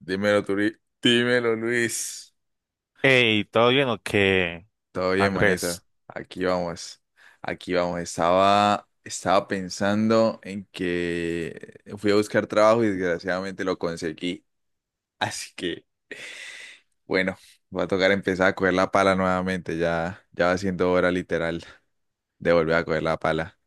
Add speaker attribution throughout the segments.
Speaker 1: Dímelo, Turi. Dímelo, Luis.
Speaker 2: Hey, ¿todo bien o qué,
Speaker 1: Todo bien, manita.
Speaker 2: Andrés?
Speaker 1: Aquí vamos. Aquí vamos. Estaba pensando en que fui a buscar trabajo y desgraciadamente lo conseguí. Así que, bueno, va a tocar empezar a coger la pala nuevamente. Ya va siendo hora literal de volver a coger la pala.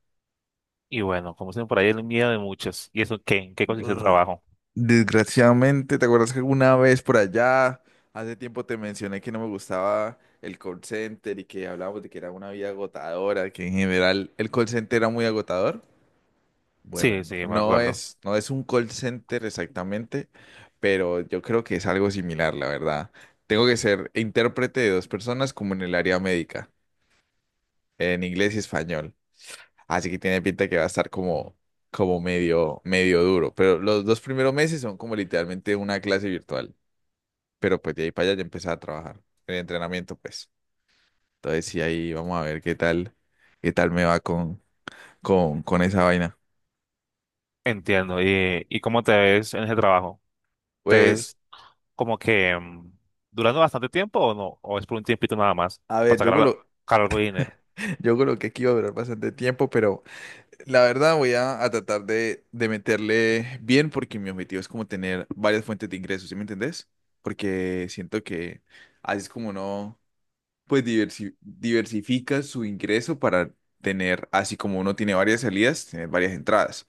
Speaker 2: Y bueno, como dicen por ahí, el miedo de muchos. ¿Y eso qué? ¿En qué consiste el trabajo?
Speaker 1: Desgraciadamente, ¿te acuerdas que alguna vez por allá, hace tiempo te mencioné que no me gustaba el call center y que hablábamos de que era una vida agotadora, que en general el call center era muy agotador? Bueno,
Speaker 2: Sí, sí, me acuerdo.
Speaker 1: no es un call center exactamente, pero yo creo que es algo similar, la verdad. Tengo que ser intérprete de dos personas como en el área médica, en inglés y español. Así que tiene pinta que va a estar como medio, medio duro. Pero los dos primeros meses son como literalmente una clase virtual, pero pues de ahí para allá ya empecé a trabajar en entrenamiento, pues. Entonces sí, ahí vamos a ver qué tal me va con esa vaina.
Speaker 2: Entiendo. ¿Y cómo te ves en ese trabajo? ¿Te
Speaker 1: Pues,
Speaker 2: ves como que durando bastante tiempo o no? ¿O es por un tiempito nada más
Speaker 1: a
Speaker 2: para
Speaker 1: ver,
Speaker 2: sacar, sacar algo de dinero?
Speaker 1: yo coloqué que iba a durar bastante tiempo, pero la verdad voy a tratar de meterle bien porque mi objetivo es como tener varias fuentes de ingresos, ¿sí me entendés? Porque siento que así es como no. Pues diversifica su ingreso para tener, así como uno tiene varias salidas, tener varias entradas.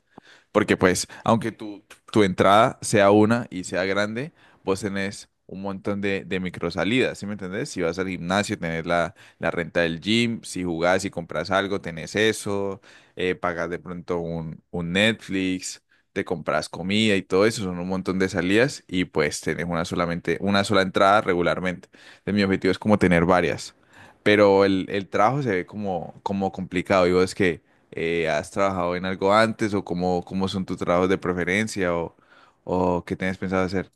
Speaker 1: Porque pues, aunque tu entrada sea una y sea grande, vos tenés un montón de micro salidas, ¿sí me entendés? Si vas al gimnasio, tenés la renta del gym, si jugás y compras algo, tenés eso, pagas de pronto un Netflix, te compras comida y todo eso, son un montón de salidas y pues tenés una solamente, una sola entrada regularmente. Entonces, mi objetivo es como tener varias, pero el trabajo se ve como, como complicado. Digo, es que has trabajado en algo antes o cómo, cómo son tus trabajos de preferencia o qué tienes pensado hacer,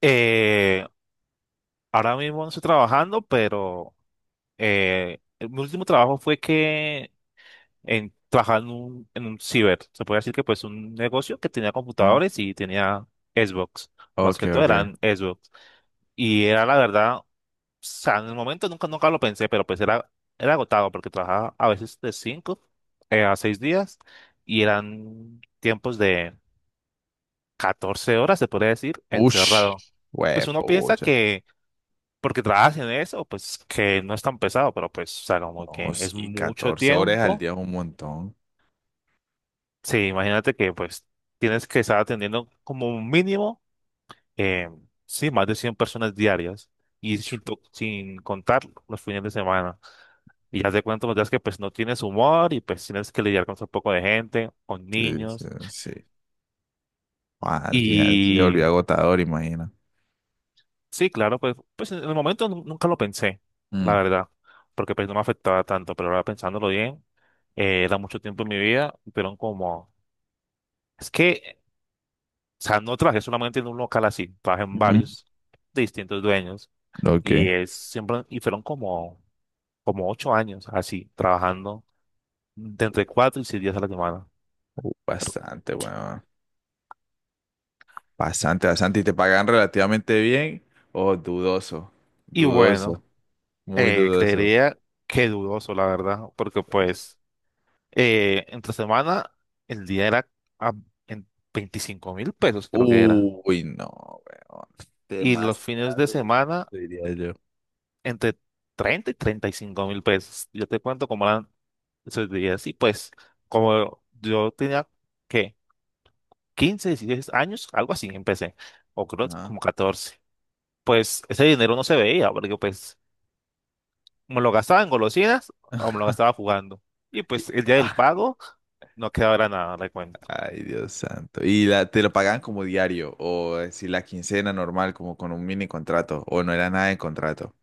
Speaker 2: Eh, Ahora mismo no estoy trabajando, pero mi último trabajo fue trabajaba en un ciber. Se puede decir que pues un negocio que tenía
Speaker 1: ¿no?
Speaker 2: computadores y tenía Xbox. Más
Speaker 1: Ok,
Speaker 2: que todo
Speaker 1: ok.
Speaker 2: eran Xbox. Y era la verdad, o sea, en el momento nunca, nunca lo pensé, pero pues era agotado porque trabajaba a veces de 5 a 6 días y eran tiempos de 14 horas, se podría decir,
Speaker 1: Ush,
Speaker 2: encerrado. Pues uno piensa
Speaker 1: huepucha.
Speaker 2: que porque trabajas en eso, pues que no es tan pesado, pero pues, o sea, como
Speaker 1: No,
Speaker 2: que es
Speaker 1: sí,
Speaker 2: mucho
Speaker 1: 14 horas al
Speaker 2: tiempo.
Speaker 1: día es un montón.
Speaker 2: Sí, imagínate que pues tienes que estar atendiendo como un mínimo, eh, sí, más de 100 personas diarias y sin contar los fines de semana. Y ya te cuento los días que pues no tienes humor y pues tienes que lidiar con un poco de gente, con
Speaker 1: Sí, sí,
Speaker 2: niños.
Speaker 1: sí. Ah, al final sí se volvió
Speaker 2: Y
Speaker 1: agotador, imagina.
Speaker 2: sí, claro, pues en el momento nunca lo pensé, la
Speaker 1: Mm.
Speaker 2: verdad, porque pues no me afectaba tanto, pero ahora pensándolo bien, era mucho tiempo en mi vida, pero como... Es que, o sea, no trabajé solamente en un local así, trabajé en
Speaker 1: Ujú.
Speaker 2: varios de distintos dueños
Speaker 1: Ok.
Speaker 2: y es siempre, y fueron como 8 años así, trabajando de entre 4 y 6 días a la semana.
Speaker 1: Bastante, bueno. Bastante, bastante. ¿Y te pagan relativamente bien? Oh, dudoso,
Speaker 2: Y
Speaker 1: dudoso,
Speaker 2: bueno,
Speaker 1: muy dudoso.
Speaker 2: creería que dudoso, la verdad, porque
Speaker 1: Pues.
Speaker 2: pues entre semana el día era a- en 25 mil pesos, creo que era.
Speaker 1: Uy, no, weón.
Speaker 2: Y los fines de
Speaker 1: Demasiado,
Speaker 2: semana
Speaker 1: diría yo.
Speaker 2: entre 30 y 35 mil pesos. Yo te cuento cómo eran eso días. Y pues, como yo tenía, ¿qué? Quince, 16 años, algo así, empecé. O creo que
Speaker 1: Ajá.
Speaker 2: como 14. Pues ese dinero no se veía, porque pues me lo gastaba en golosinas o me lo gastaba jugando. Y
Speaker 1: Y-
Speaker 2: pues el día del
Speaker 1: ah,
Speaker 2: pago no quedaba nada de cuenta.
Speaker 1: ay, Dios santo. ¿Y la, te lo pagaban como diario? ¿O si la quincena normal, como con un mini contrato? ¿O no era nada de contrato?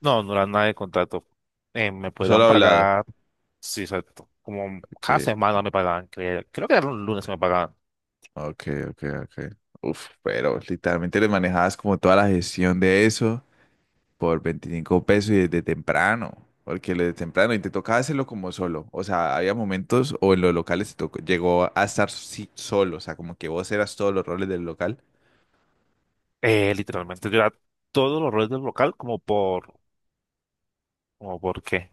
Speaker 2: No, no era nada de contrato. Me
Speaker 1: Solo
Speaker 2: podían
Speaker 1: hablado.
Speaker 2: pagar, sí, exacto. Como cada
Speaker 1: Okay,
Speaker 2: semana me pagaban, creo, que era un lunes que me pagaban.
Speaker 1: ok, ok, ok. Uf, pero literalmente le manejabas como toda la gestión de eso. Por 25 pesos y desde temprano, porque desde temprano y te tocaba hacerlo como solo. O sea, había momentos o en los locales te tocó, llegó a estar sí, solo, o sea, como que vos eras todos los roles del local.
Speaker 2: Literalmente, yo era todos los roles del local como por qué.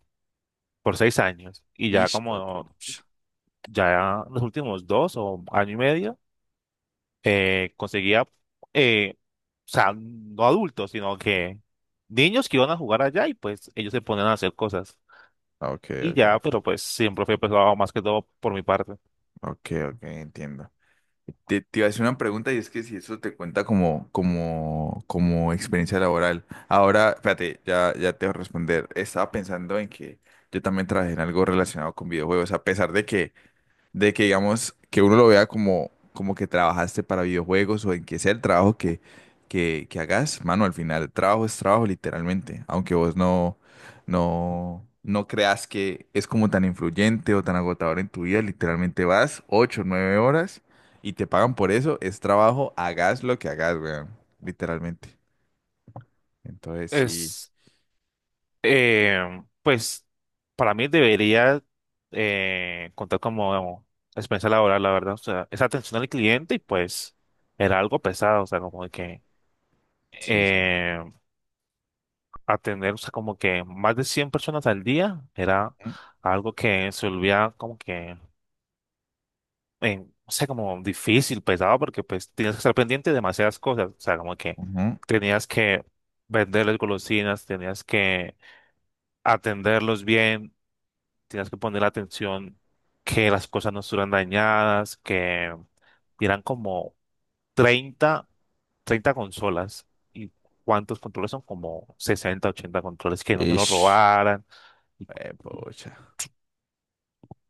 Speaker 2: Por 6 años y ya
Speaker 1: Ish,
Speaker 2: como
Speaker 1: huepuch.
Speaker 2: ya los últimos dos o año y medio conseguía, o sea, no adultos, sino que niños que iban a jugar allá y pues ellos se ponían a hacer cosas.
Speaker 1: Ok,
Speaker 2: Y
Speaker 1: ok,
Speaker 2: ya, pero pues siempre fue pesado más que todo por mi parte.
Speaker 1: ok, ok, entiendo. Te iba a hacer una pregunta y es que si eso te cuenta como, como, como experiencia laboral. Ahora, espérate, ya te voy a responder. Estaba pensando en que yo también trabajé en algo relacionado con videojuegos, a pesar de que digamos que uno lo vea como, como que trabajaste para videojuegos o en que sea el trabajo que, que hagas, mano, al final trabajo es trabajo literalmente, aunque vos no creas que es como tan influyente o tan agotador en tu vida, literalmente vas 8 9 horas y te pagan por eso, es trabajo, hagas lo que hagas, weón, literalmente. Entonces sí,
Speaker 2: Es, pues para mí debería contar como experiencia laboral, la verdad. O sea, esa atención al cliente y pues era algo pesado, o sea, como de que...
Speaker 1: sí, sí.
Speaker 2: em, Atender, o sea, como que más de 100 personas al día era algo que se volvía como que, no sé, como difícil, pesado, porque pues tenías que estar pendiente de demasiadas cosas, o sea, como que
Speaker 1: Ujú.
Speaker 2: tenías que venderles golosinas, tenías que atenderlos bien, tenías que poner atención que las cosas no estuvieran dañadas, que eran como 30 30 consolas. Y ¿cuántos controles son? Como 60 80 controles que no se los
Speaker 1: Ish.
Speaker 2: robaran.
Speaker 1: Pucha,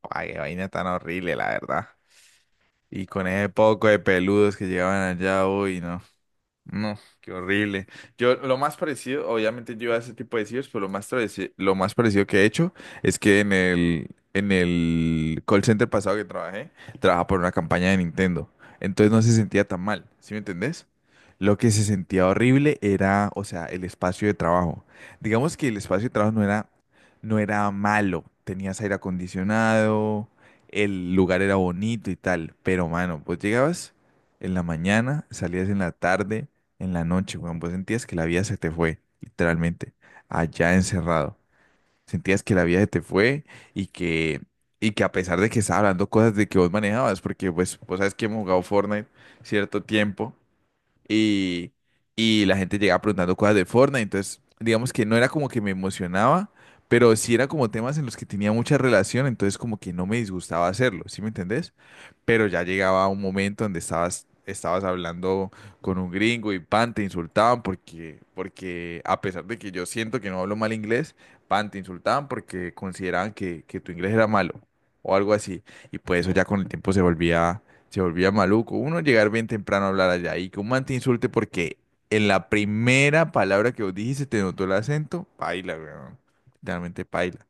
Speaker 1: ay, qué vaina tan horrible, la verdad. Y con ese poco de peludos que llegaban allá, uy, no. No, qué horrible. Yo lo más parecido, obviamente yo a ese tipo de sitios, pero lo más parecido que he hecho es que en en el call center pasado que trabajé, trabajaba por una campaña de Nintendo. Entonces no se sentía tan mal, ¿sí me entendés? Lo que se sentía horrible era, o sea, el espacio de trabajo. Digamos que el espacio de trabajo no era malo. Tenías aire acondicionado, el lugar era bonito y tal, pero mano, pues llegabas en la mañana, salías en la tarde en la noche, weón. Vos sentías que la vida se te fue, literalmente, allá encerrado. Sentías que la vida se te fue y y que a pesar de que estaba hablando cosas de que vos manejabas, porque pues vos sabes que hemos jugado Fortnite cierto tiempo y, y la gente llegaba preguntando cosas de Fortnite, entonces digamos que no era como que me emocionaba, pero sí era como temas en los que tenía mucha relación, entonces como que no me disgustaba hacerlo, ¿sí me entendés? Pero ya llegaba un momento donde estabas hablando con un gringo y pan, te insultaban porque a pesar de que yo siento que no hablo mal inglés, pan, te insultaban porque consideraban que tu inglés era malo o algo así, y pues eso ya con el tiempo se volvía maluco. Uno llegar bien temprano a hablar allá y que un man te insulte porque en la primera palabra que vos dijiste te notó el acento, paila, weón. Literalmente paila.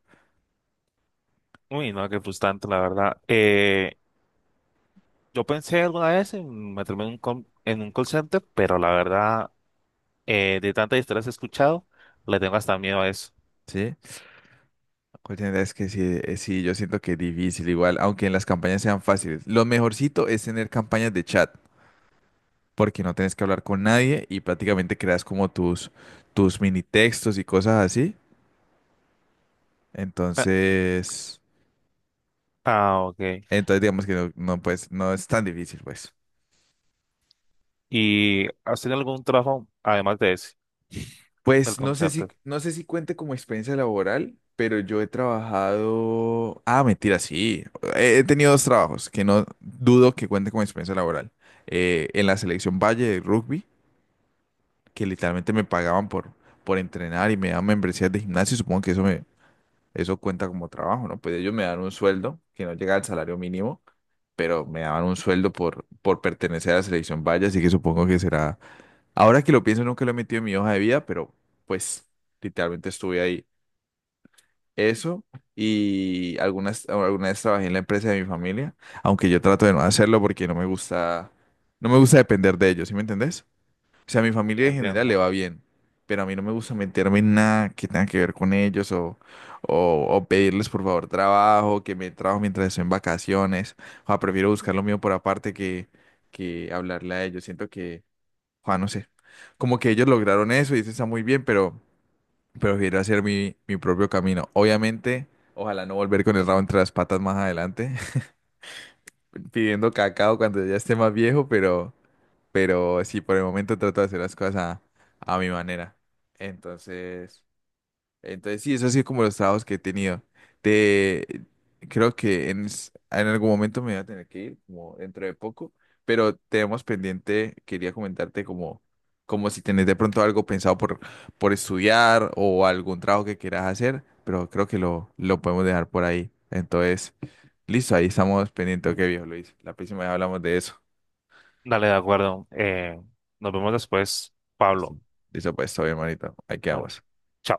Speaker 2: Uy, no, qué frustrante, la verdad. Yo pensé alguna vez en meterme en un, en un call center, pero la verdad, de tantas historias que he escuchado, le tengo hasta miedo a eso.
Speaker 1: ¿Sí? La cuestión es que sí, sí, yo siento que es difícil igual, aunque en las campañas sean fáciles. Lo mejorcito es tener campañas de chat, porque no tenés que hablar con nadie y prácticamente creas como tus, tus mini textos y cosas así.
Speaker 2: Ah,
Speaker 1: Entonces,
Speaker 2: ah, ok.
Speaker 1: entonces digamos que no, pues, no es tan difícil, pues.
Speaker 2: ¿Y has tenido algún trabajo, además de ese, del
Speaker 1: Pues
Speaker 2: call center?
Speaker 1: no sé si cuente como experiencia laboral, pero yo he trabajado. Ah, mentira, sí. He tenido dos trabajos que no dudo que cuente como experiencia laboral. En la selección Valle de rugby, que literalmente me pagaban por entrenar y me daban membresías de gimnasio. Supongo que eso cuenta como trabajo, ¿no? Pues ellos me dan un sueldo que no llega al salario mínimo, pero me daban un sueldo por pertenecer a la selección Valle, así que supongo que será. Ahora que lo pienso, nunca lo he metido en mi hoja de vida, pero pues literalmente estuve ahí. Eso y alguna vez trabajé en la empresa de mi familia, aunque yo trato de no hacerlo porque no me gusta depender de ellos, ¿sí me entendés? O sea, a mi
Speaker 2: Sí,
Speaker 1: familia en general le
Speaker 2: entiendo.
Speaker 1: va bien, pero a mí no me gusta meterme en nada que tenga que ver con ellos o pedirles por favor trabajo, que me trabajo mientras estoy en vacaciones. O sea, prefiero buscar lo mío por aparte que hablarle a ellos. Siento que Juan, no sé. Como que ellos lograron eso y eso está muy bien, pero prefiero hacer mi propio camino. Obviamente, ojalá no volver con el rabo entre las patas más adelante, pidiendo cacao cuando ya esté más viejo, pero sí, por el momento trato de hacer las cosas a mi manera. Entonces... Entonces, sí, eso ha sido como los trabajos que he tenido. Te, creo que en, en algún momento me voy a tener que ir, como dentro de poco, pero tenemos pendiente, quería comentarte como, como si tenés de pronto algo pensado por estudiar o algún trabajo que quieras hacer, pero creo que lo podemos dejar por ahí. Entonces, listo, ahí estamos pendientes. Ok, viejo Luis, la próxima vez hablamos de eso.
Speaker 2: Dale, de acuerdo. Nos vemos después,
Speaker 1: Listo,
Speaker 2: Pablo.
Speaker 1: listo, pues, todo bien, manito. Ahí
Speaker 2: Bueno,
Speaker 1: quedamos.
Speaker 2: chao.